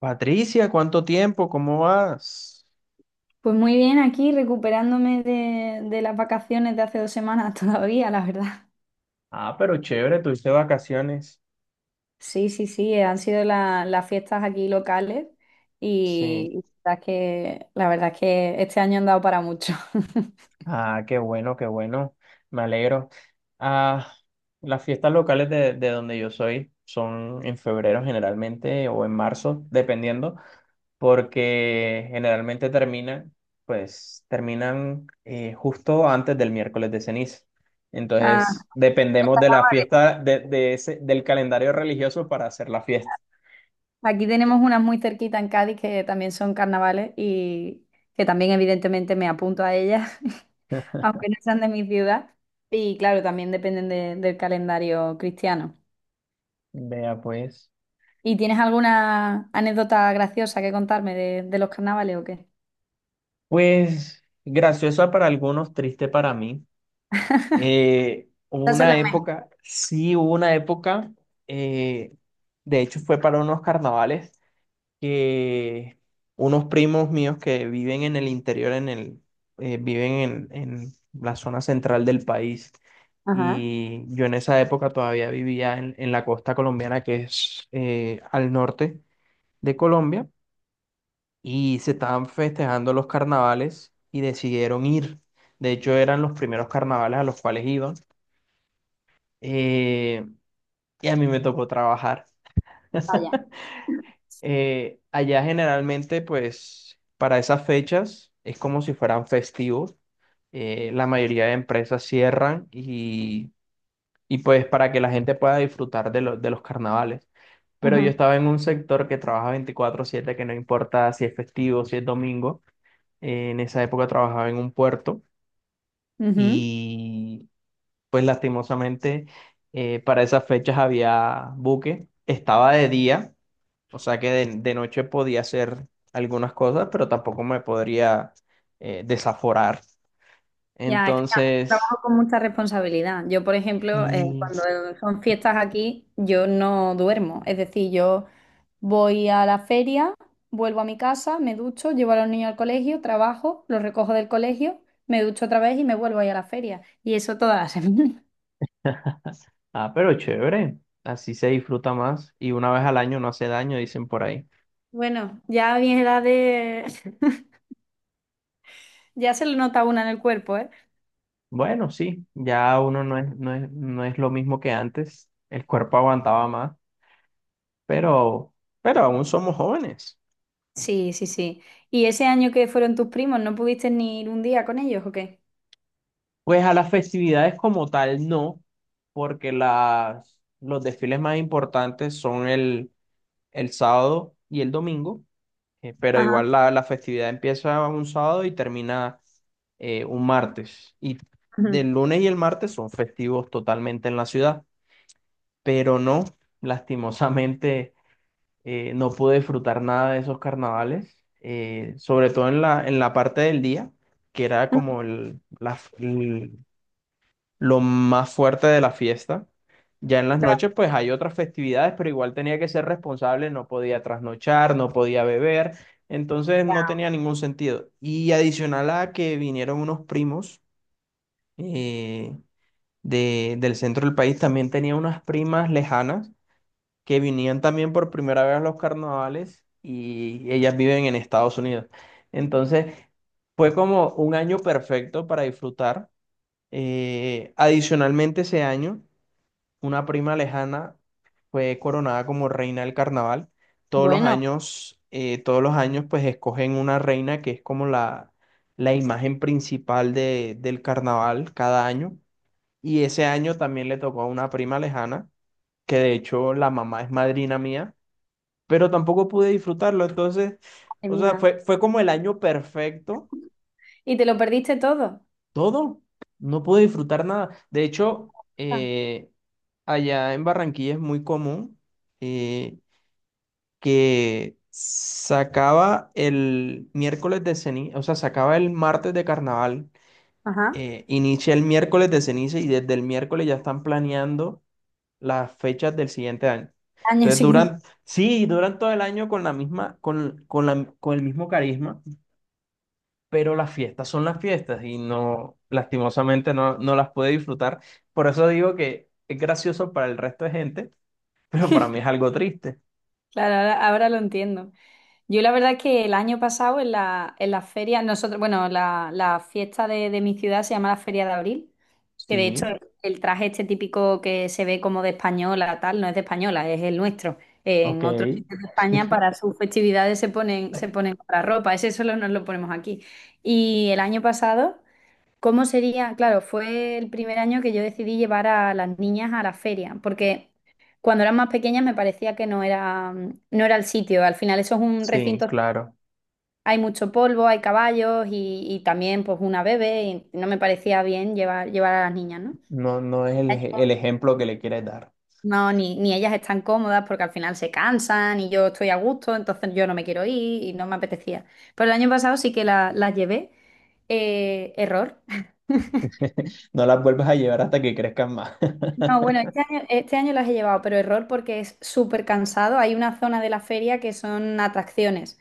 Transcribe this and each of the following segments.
Patricia, ¿cuánto tiempo? ¿Cómo vas? Pues muy bien, aquí recuperándome de las vacaciones de hace 2 semanas todavía, la verdad. Ah, pero chévere, tuviste vacaciones. Sí, sí, sí, han sido las fiestas aquí locales Sí. y la verdad es que este año han dado para mucho. Ah, qué bueno, qué bueno. Me alegro. Ah, las fiestas locales de donde yo soy son en febrero generalmente o en marzo, dependiendo, porque generalmente terminan, pues terminan justo antes del miércoles de ceniza. Ah, Entonces, los dependemos de la carnavales. fiesta, de ese, del calendario religioso para hacer la fiesta. Aquí tenemos unas muy cerquita en Cádiz que también son carnavales y que también evidentemente me apunto a ellas, aunque no sean de mi ciudad. Y claro, también dependen del calendario cristiano. Vea pues. ¿Y tienes alguna anécdota graciosa que contarme de los carnavales o qué? Pues graciosa para algunos, triste para mí. Hubo Esas son una las mejores. época, sí hubo una época, eh, de hecho fue para unos carnavales que unos primos míos que viven en el interior, viven en la zona central del país. Ajá. Y yo en esa época todavía vivía en la costa colombiana, que es al norte de Colombia y se estaban festejando los carnavales y decidieron ir. De hecho, eran los primeros carnavales a los cuales iban. eh, y a mí me tocó trabajar. Vaya. Allá generalmente, pues, para esas fechas es como si fueran festivos. La mayoría de empresas cierran y pues para que la gente pueda disfrutar de los carnavales. Pero yo Ujú. estaba en un sector que trabaja 24/7, que no importa si es festivo, si es domingo. En esa época trabajaba en un puerto Ujú. y pues lastimosamente para esas fechas había buque. Estaba de día, o sea que de noche podía hacer algunas cosas, pero tampoco me podría desaforar. Ya, es que Entonces, trabajo con mucha responsabilidad. Yo, por ejemplo, sí. cuando son fiestas aquí, yo no duermo. Es decir, yo voy a la feria, vuelvo a mi casa, me ducho, llevo a los niños al colegio, trabajo, los recojo del colegio, me ducho otra vez y me vuelvo ahí a la feria. Y eso toda la semana. Ah, pero chévere. Así se disfruta más y una vez al año no hace daño, dicen por ahí. Bueno, ya a mi edad ya se lo nota una en el cuerpo, ¿eh? Bueno, sí, ya uno no es lo mismo que antes. El cuerpo aguantaba más, pero, pero aún somos jóvenes. Sí, sí, sí. ¿Y ese año que fueron tus primos, no pudiste ni ir un día con ellos o qué? Pues a las festividades como tal no, porque los desfiles más importantes son el sábado y el domingo, pero Ajá. igual la festividad empieza un sábado y termina un martes. Y Ujú. del lunes y el martes son festivos totalmente en la ciudad, pero no, lastimosamente. No pude disfrutar nada de esos carnavales, sobre todo en la parte del día, que era como lo más fuerte de la fiesta. Ya en las Claro. noches, pues hay otras festividades, pero igual tenía que ser responsable, no podía trasnochar, no podía beber, entonces no tenía ningún sentido. Y adicional a que vinieron unos primos eh, del centro del país, también tenía unas primas lejanas que vinían también por primera vez a los carnavales y ellas viven en Estados Unidos. Entonces, fue como un año perfecto para disfrutar. Adicionalmente, ese año, una prima lejana fue coronada como reina del carnaval. Todos los Bueno, años, eh, todos los años, pues escogen una reina que es como la imagen principal del carnaval cada año. Y ese año también le tocó a una prima lejana, que de hecho la mamá es madrina mía, pero tampoco pude disfrutarlo. Entonces, madre o sea, mía. Fue como el año perfecto, ¿Y te lo perdiste todo? todo. No pude disfrutar nada. De hecho, Ah. Allá en Barranquilla es muy común eh, que sacaba el miércoles de ceniza, o sea, sacaba el martes de carnaval, Ajá. Inicia el miércoles de ceniza y desde el miércoles ya están planeando las fechas del siguiente año. Año Entonces siguiente. duran, sí, duran todo el año con la misma, con la, con el mismo carisma, pero las fiestas son las fiestas y no, lastimosamente no, no las pude disfrutar. Por eso digo que es gracioso para el resto de gente, pero para mí es algo triste. Claro, ahora lo entiendo. Yo la verdad que el año pasado en la feria, nosotros, bueno, la fiesta de mi ciudad se llama la Feria de Abril, que de hecho Sí, el traje este típico que se ve como de española, tal, no es de española, es el nuestro. ok, En otros sitios de España para sus festividades se ponen otra ropa, ese solo nos lo ponemos aquí. Y el año pasado. ¿Cómo sería? Claro, fue el primer año que yo decidí llevar a las niñas a la feria, porque cuando eran más pequeñas me parecía que no era el sitio. Al final eso es un sí, recinto, claro. hay mucho polvo, hay caballos y también pues una bebé y no me parecía bien llevar a las niñas, ¿no? No, no es el ejemplo que le quieres dar. No, ni ellas están cómodas porque al final se cansan y yo estoy a gusto, entonces yo no me quiero ir y no me apetecía. Pero el año pasado sí que las llevé. Error. No las vuelves a llevar hasta que crezcan más. No, bueno, este año las he llevado, pero error porque es súper cansado. Hay una zona de la feria que son atracciones,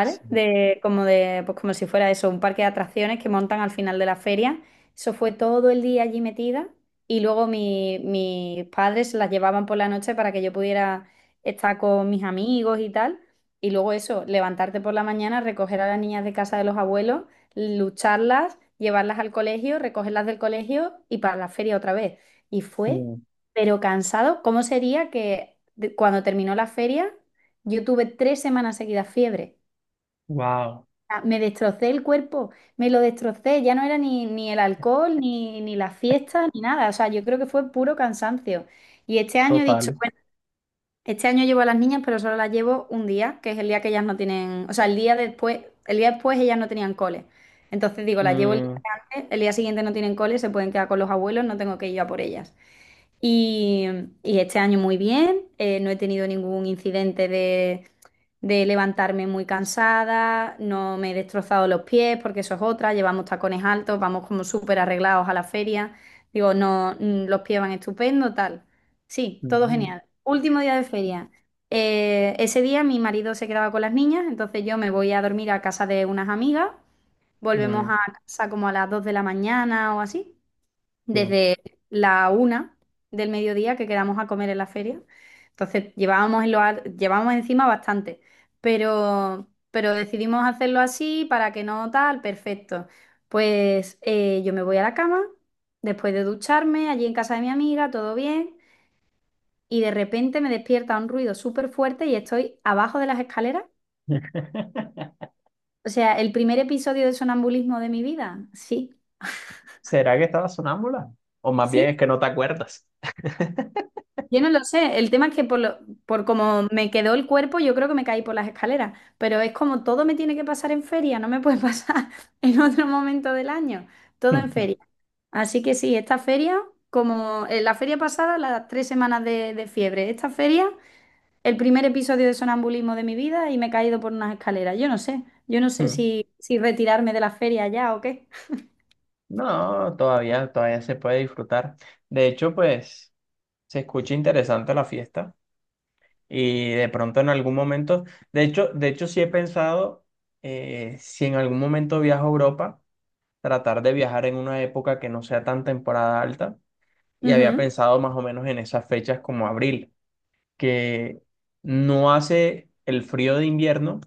Sí. De, como de, pues como si fuera eso, un parque de atracciones que montan al final de la feria. Eso fue todo el día allí metida y luego mis padres las llevaban por la noche para que yo pudiera estar con mis amigos y tal. Y luego eso, levantarte por la mañana, recoger a las niñas de casa de los abuelos, lucharlas, llevarlas al colegio, recogerlas del colegio y para la feria otra vez. Y fue, Mm. pero cansado. ¿Cómo sería que cuando terminó la feria, yo tuve 3 semanas seguidas fiebre? Wow, Ah, me destrocé el cuerpo, me lo destrocé. Ya no era ni el alcohol, ni la fiesta, ni nada. O sea, yo creo que fue puro cansancio. Y este año he dicho, total. bueno, este año llevo a las niñas, pero solo las llevo un día, que es el día que ellas no tienen, o sea, el día después ellas no tenían cole. Entonces digo, las llevo el día Mm, antes, el día siguiente no tienen cole, se pueden quedar con los abuelos, no tengo que ir yo a por ellas. Y, y este año muy bien, no he tenido ningún incidente de levantarme muy cansada, no me he destrozado los pies porque eso es otra, llevamos tacones altos, vamos como súper arreglados a la feria, digo, no, los pies van estupendo, tal. Sí, todo mm, genial. Último día de feria. Ese día mi marido se quedaba con las niñas, entonces yo me voy a dormir a casa de unas amigas, volvemos a mm, casa como a las 2 de la mañana o así sí. desde la 1 del mediodía que quedamos a comer en la feria. Entonces llevábamos, en los ar- llevábamos encima bastante, pero decidimos hacerlo así para que no tal, perfecto. Pues yo me voy a la cama, después de ducharme, allí en casa de mi amiga, todo bien, y de repente me despierta un ruido súper fuerte y estoy abajo de las escaleras. O sea, el primer episodio de sonambulismo de mi vida. Sí, ¿Será que estaba sonámbula? O más bien sí. es que no te acuerdas. Yo no lo sé, el tema es que por como me quedó el cuerpo, yo creo que me caí por las escaleras, pero es como todo me tiene que pasar en feria, no me puede pasar en otro momento del año, todo en feria. Así que sí, esta feria, como en la feria pasada, las 3 semanas de fiebre, esta feria, el primer episodio de sonambulismo de mi vida y me he caído por unas escaleras, yo no sé si retirarme de la feria ya o qué. No, todavía, todavía se puede disfrutar. De hecho, pues se escucha interesante la fiesta y de pronto en algún momento, de hecho sí he pensado si en algún momento viajo a Europa, tratar de viajar en una época que no sea tan temporada alta y había Ujú, pensado más o menos en esas fechas como abril, que no hace el frío de invierno,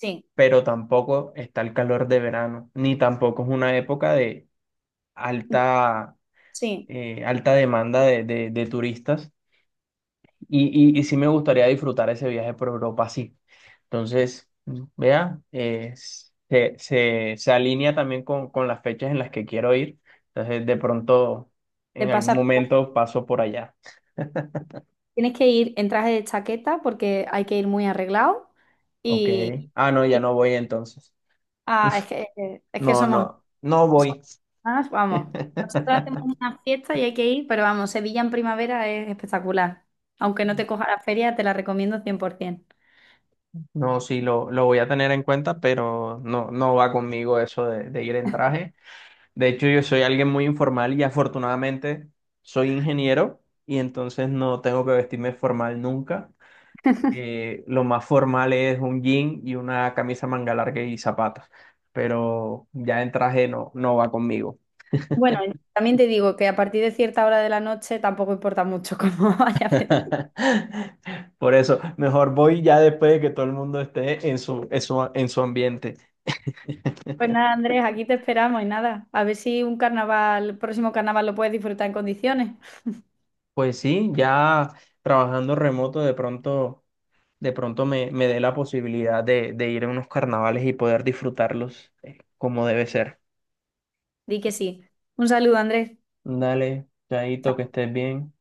sí, pero tampoco está el calor de verano, ni tampoco es una época de alta sí, alta demanda de turistas y sí me gustaría disfrutar ese viaje por Europa, sí. Entonces, vea, se alinea también con las fechas en las que quiero ir. Entonces, de pronto, te en algún pasa. momento paso por allá. Tienes que ir en traje de chaqueta porque hay que ir muy arreglado Ok. y, Ah, no, ya y- no voy entonces. ah, es que, es que, somos, No somos voy. más, vamos. Nosotros hacemos una fiesta y hay que ir, pero vamos, Sevilla en primavera es espectacular. Aunque no te coja la feria, te la recomiendo 100%. No, sí, lo voy a tener en cuenta, pero no, no va conmigo eso de ir en traje. De hecho, yo soy alguien muy informal y afortunadamente soy ingeniero y entonces no tengo que vestirme formal nunca. Lo más formal es un jean y una camisa manga larga y zapatos, pero ya en traje no, no va conmigo. Bueno, también te digo que a partir de cierta hora de la noche tampoco importa mucho cómo vaya a Por eso, mejor voy ya después de que todo el mundo esté en su, en su, en su ambiente. Pues nada, Andrés, aquí te esperamos y nada. A ver si un carnaval, el próximo carnaval lo puedes disfrutar en condiciones. Pues sí, ya trabajando remoto de pronto. De pronto me, me dé la posibilidad de ir a unos carnavales y poder disfrutarlos como debe ser. Di que sí. Un saludo, Andrés. Dale, Chaito, que estés bien.